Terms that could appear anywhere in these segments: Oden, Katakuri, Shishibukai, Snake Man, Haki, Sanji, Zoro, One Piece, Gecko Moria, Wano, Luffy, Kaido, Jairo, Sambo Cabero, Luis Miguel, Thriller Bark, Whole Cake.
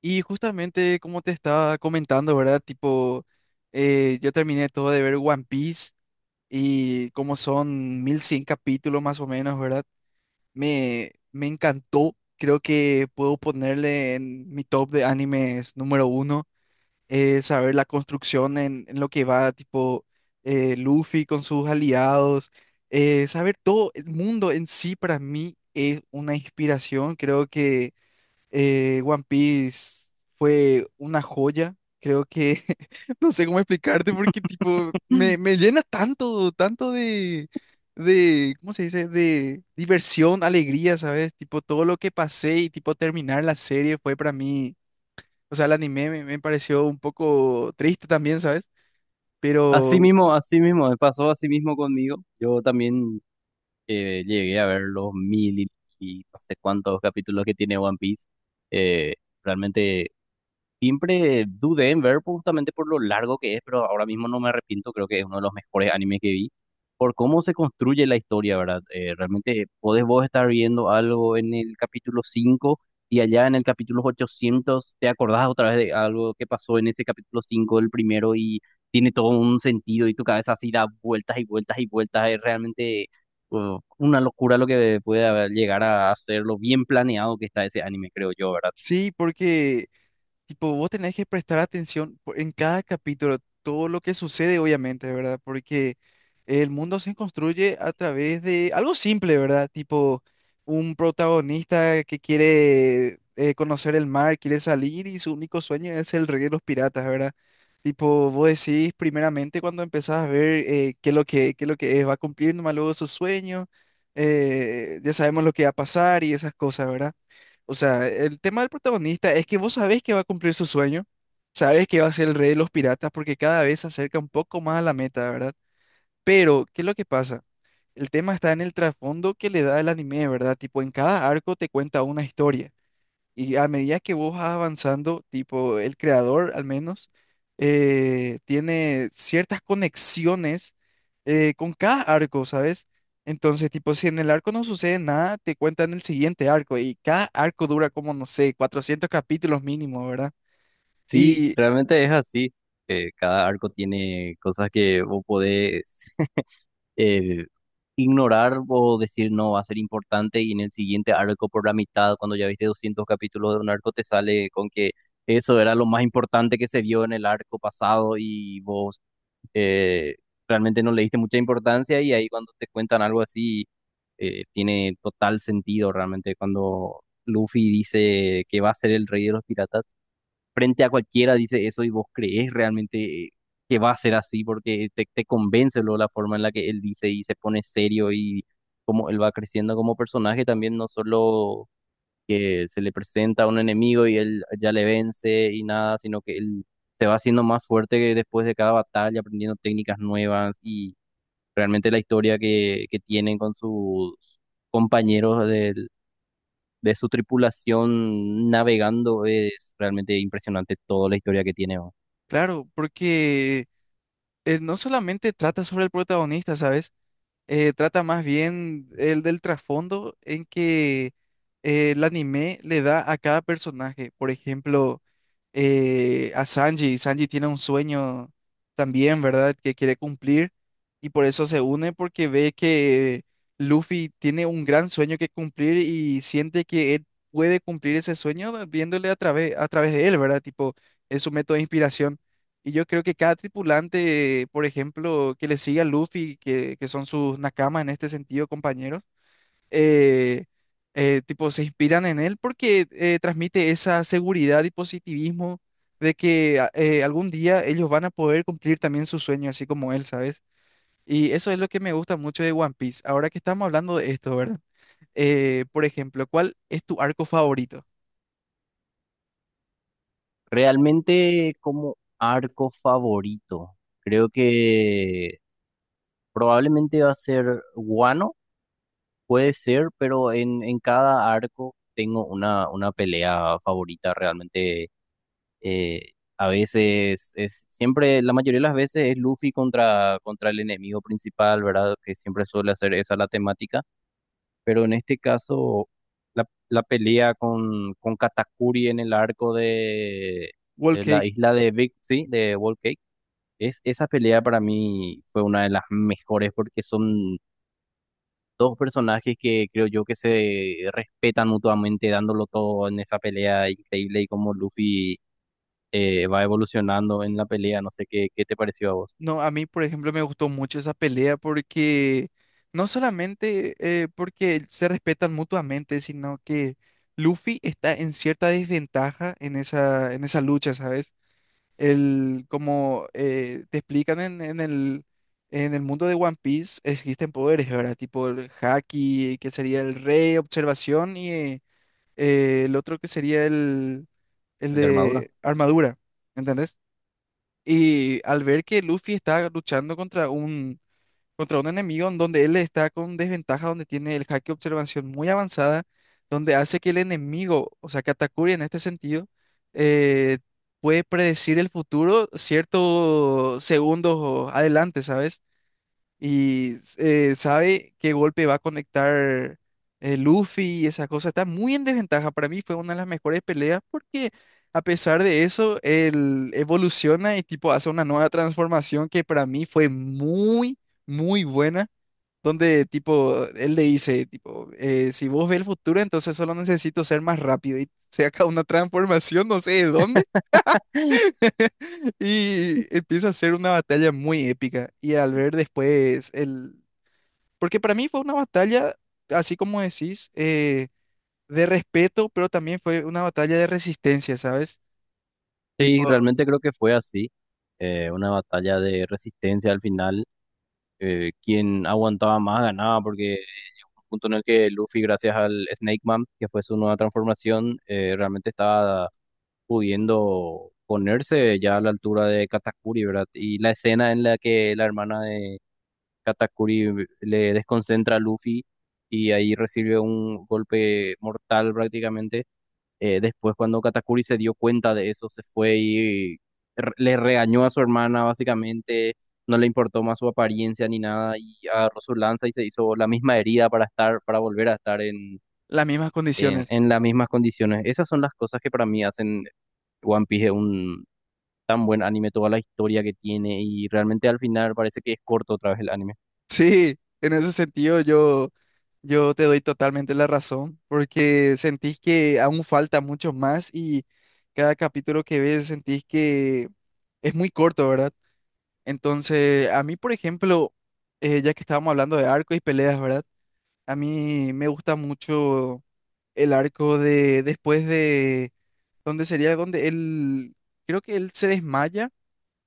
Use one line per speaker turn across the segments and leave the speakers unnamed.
Y justamente como te estaba comentando, ¿verdad? Tipo, yo terminé todo de ver One Piece y como son 1100 capítulos más o menos, ¿verdad? Me encantó. Creo que puedo ponerle en mi top de animes número uno. Saber la construcción en lo que va, tipo, Luffy con sus aliados. Saber todo el mundo en sí para mí es una inspiración. Creo que One Piece fue una joya. Creo que no sé cómo explicarte porque tipo me llena tanto, tanto ¿cómo se dice? De diversión, alegría, ¿sabes? Tipo todo lo que pasé y tipo terminar la serie fue para mí, o sea, el anime me pareció un poco triste también, ¿sabes? Pero
Así mismo, me pasó así mismo conmigo. Yo también llegué a ver los mil y no sé cuántos capítulos que tiene One Piece. Eh, realmente Siempre dudé en ver justamente por lo largo que es, pero ahora mismo no me arrepiento, creo que es uno de los mejores animes que vi, por cómo se construye la historia, ¿verdad? Realmente podés vos estar viendo algo en el capítulo 5 y allá en el capítulo 800 te acordás otra vez de algo que pasó en ese capítulo 5 el primero, y tiene todo un sentido y tu cabeza así da vueltas y vueltas y vueltas, es realmente una locura lo que llegar a hacer, lo bien planeado que está ese anime, creo yo, ¿verdad?
sí, porque tipo, vos tenés que prestar atención en cada capítulo, todo lo que sucede, obviamente, ¿verdad? Porque el mundo se construye a través de algo simple, ¿verdad? Tipo, un protagonista que quiere conocer el mar, quiere salir y su único sueño es el rey de los piratas, ¿verdad? Tipo, vos decís primeramente cuando empezás a ver qué es lo que, qué es lo que es, va a cumplir nomás luego su sueño, ya sabemos lo que va a pasar y esas cosas, ¿verdad? O sea, el tema del protagonista es que vos sabés que va a cumplir su sueño, sabés que va a ser el rey de los piratas porque cada vez se acerca un poco más a la meta, ¿verdad? Pero, ¿qué es lo que pasa? El tema está en el trasfondo que le da el anime, ¿verdad? Tipo, en cada arco te cuenta una historia. Y a medida que vos vas avanzando, tipo el creador al menos, tiene ciertas conexiones con cada arco, ¿sabes? Entonces, tipo, si en el arco no sucede nada, te cuentan el siguiente arco y cada arco dura como, no sé, 400 capítulos mínimo, ¿verdad?
Sí,
Y
realmente es así. Cada arco tiene cosas que vos podés eh, ignorar o decir no va a ser importante, y en el siguiente arco por la mitad, cuando ya viste 200 capítulos de un arco, te sale con que eso era lo más importante que se vio en el arco pasado, y vos eh, realmente no le diste mucha importancia, y ahí cuando te cuentan algo así, tiene total sentido. Realmente, cuando Luffy dice que va a ser el rey de los piratas frente a cualquiera, dice eso y vos crees realmente que va a ser así, porque te convence luego la forma en la que él dice y se pone serio, y cómo él va creciendo como personaje también. No solo que se le presenta a un enemigo y él ya le vence y nada, sino que él se va haciendo más fuerte después de cada batalla, aprendiendo técnicas nuevas. Y realmente la historia que tienen con sus compañeros del de su tripulación navegando, es realmente impresionante toda la historia que tiene, ¿no?
claro, porque no solamente trata sobre el protagonista, ¿sabes? Trata más bien el del trasfondo en que el anime le da a cada personaje. Por ejemplo, a Sanji. Sanji tiene un sueño también, ¿verdad? Que quiere cumplir y por eso se une porque ve que Luffy tiene un gran sueño que cumplir y siente que él puede cumplir ese sueño viéndole a través de él, ¿verdad? Tipo, es su método de inspiración. Y yo creo que cada tripulante, por ejemplo, que le sigue a Luffy, que son sus nakamas en este sentido, compañeros, eh, tipo, se inspiran en él porque transmite esa seguridad y positivismo de que algún día ellos van a poder cumplir también su sueño, así como él, ¿sabes? Y eso es lo que me gusta mucho de One Piece. Ahora que estamos hablando de esto, ¿verdad? Por ejemplo, ¿cuál es tu arco favorito?
Realmente, como arco favorito, creo que probablemente va a ser Guano, puede ser, pero en cada arco tengo una, pelea favorita realmente. eh, a veces es siempre, la mayoría de las veces es Luffy contra, el enemigo principal, ¿verdad? Que siempre suele hacer esa la temática, pero en este caso la pelea con, Katakuri en el arco
Wall
de la
Cake.
isla de Big, sí, de Whole Cake, esa pelea para mí fue una de las mejores, porque son dos personajes que creo yo que se respetan mutuamente, dándolo todo en esa pelea increíble, y como Luffy va evolucionando en la pelea. No sé qué, te pareció a vos.
No, a mí, por ejemplo, me gustó mucho esa pelea porque no solamente porque se respetan mutuamente, sino que Luffy está en cierta desventaja en esa lucha, ¿sabes? El, como te explican en el mundo de One Piece, existen poderes, ¿verdad? Tipo el Haki, que sería el Rey, Observación, y el otro que sería el
El de armadura.
de Armadura, ¿entendés? Y al ver que Luffy está luchando contra un enemigo en donde él está con desventaja, donde tiene el haki de observación muy avanzada, donde hace que el enemigo, o sea, Katakuri en este sentido, eh, puede predecir el futuro ciertos segundos adelante, ¿sabes? Y sabe qué golpe va a conectar Luffy y esa cosa. Está muy en desventaja. Para mí fue una de las mejores peleas porque a pesar de eso, él evoluciona y tipo hace una nueva transformación que para mí fue muy, muy buena. Donde tipo, él le dice, tipo, si vos ves el futuro, entonces solo necesito ser más rápido. Y se saca una transformación, no sé de dónde, y empieza a ser una batalla muy épica. Y al ver después el porque para mí fue una batalla, así como decís, de respeto, pero también fue una batalla de resistencia, ¿sabes? Tipo,
Sí, realmente creo que fue así, una batalla de resistencia al final. Quien aguantaba más ganaba, porque llegó un punto en el que Luffy, gracias al Snake Man, que fue su nueva transformación, realmente estaba pudiendo ponerse ya a la altura de Katakuri, ¿verdad? Y la escena en la que la hermana de Katakuri le desconcentra a Luffy, y ahí recibe un golpe mortal prácticamente. Después, cuando Katakuri se dio cuenta de eso, se fue y le regañó a su hermana, básicamente. No le importó más su apariencia ni nada, y agarró su lanza y se hizo la misma herida para estar, para volver a estar
las mismas condiciones.
en las mismas condiciones. Esas son las cosas que para mí hacen One Piece un tan buen anime, toda la historia que tiene, y realmente al final parece que es corto otra vez el anime.
Sí, en ese sentido yo, yo te doy totalmente la razón, porque sentís que aún falta mucho más y cada capítulo que ves sentís que es muy corto, ¿verdad? Entonces, a mí, por ejemplo, ya que estábamos hablando de arcos y peleas, ¿verdad? A mí me gusta mucho el arco de después de donde sería donde él creo que él se desmaya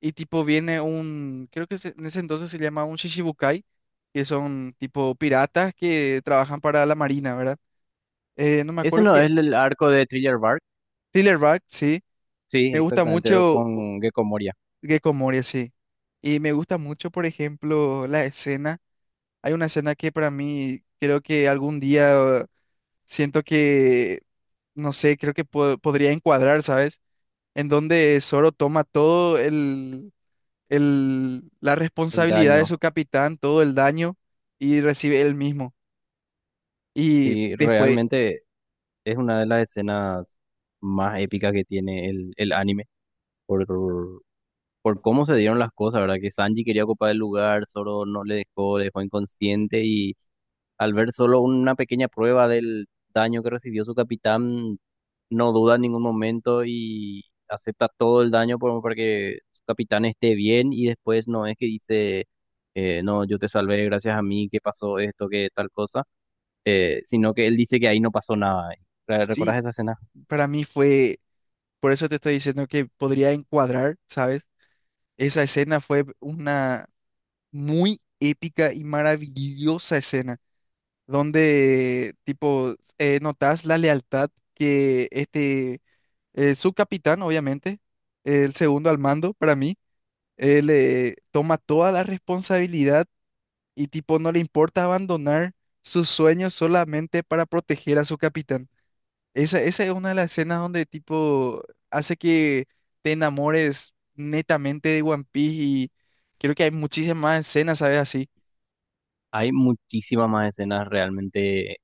y tipo viene un creo que en ese entonces se llama un Shishibukai que son tipo piratas que trabajan para la marina, ¿verdad? No me
Ese
acuerdo
no
que
es el arco de Thriller Bark.
Silverback, sí.
Sí,
Me gusta
exactamente,
mucho
con Gecko Moria,
Gecko Moria, sí. Y me gusta mucho, por ejemplo, la escena. Hay una escena que para mí creo que algún día siento que no sé, creo que podría encuadrar, ¿sabes? En donde Zoro toma todo la
el
responsabilidad de su
daño.
capitán, todo el daño y recibe él mismo. Y
Sí,
después,
realmente es una de las escenas más épicas que tiene el anime por, cómo se dieron las cosas, ¿verdad? Que Sanji quería ocupar el lugar, Zoro no le dejó, le dejó inconsciente, y al ver solo una pequeña prueba del daño que recibió su capitán, no duda en ningún momento y acepta todo el daño para que su capitán esté bien. Y después no es que dice, no, yo te salvé gracias a mí, que pasó esto, que tal cosa, sino que él dice que ahí no pasó nada.
sí,
¿Recordás esa escena?
para mí fue, por eso te estoy diciendo que podría encuadrar, ¿sabes? Esa escena fue una muy épica y maravillosa escena, donde tipo, notas la lealtad que este su capitán, obviamente, el segundo al mando para mí, él toma toda la responsabilidad y tipo no le importa abandonar sus sueños solamente para proteger a su capitán. Esa es una de las escenas donde tipo hace que te enamores netamente de One Piece y creo que hay muchísimas más escenas, ¿sabes? Así.
Hay muchísimas más escenas realmente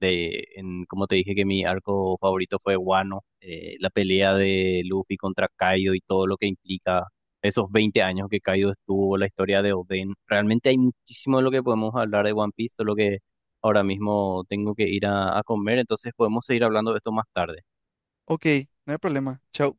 de, en, como te dije que mi arco favorito fue Wano, la pelea de Luffy contra Kaido y todo lo que implica esos 20 años que Kaido estuvo, la historia de Oden. Realmente hay muchísimo de lo que podemos hablar de One Piece, solo que ahora mismo tengo que ir a comer, entonces podemos seguir hablando de esto más tarde.
Ok, no hay problema. Chao.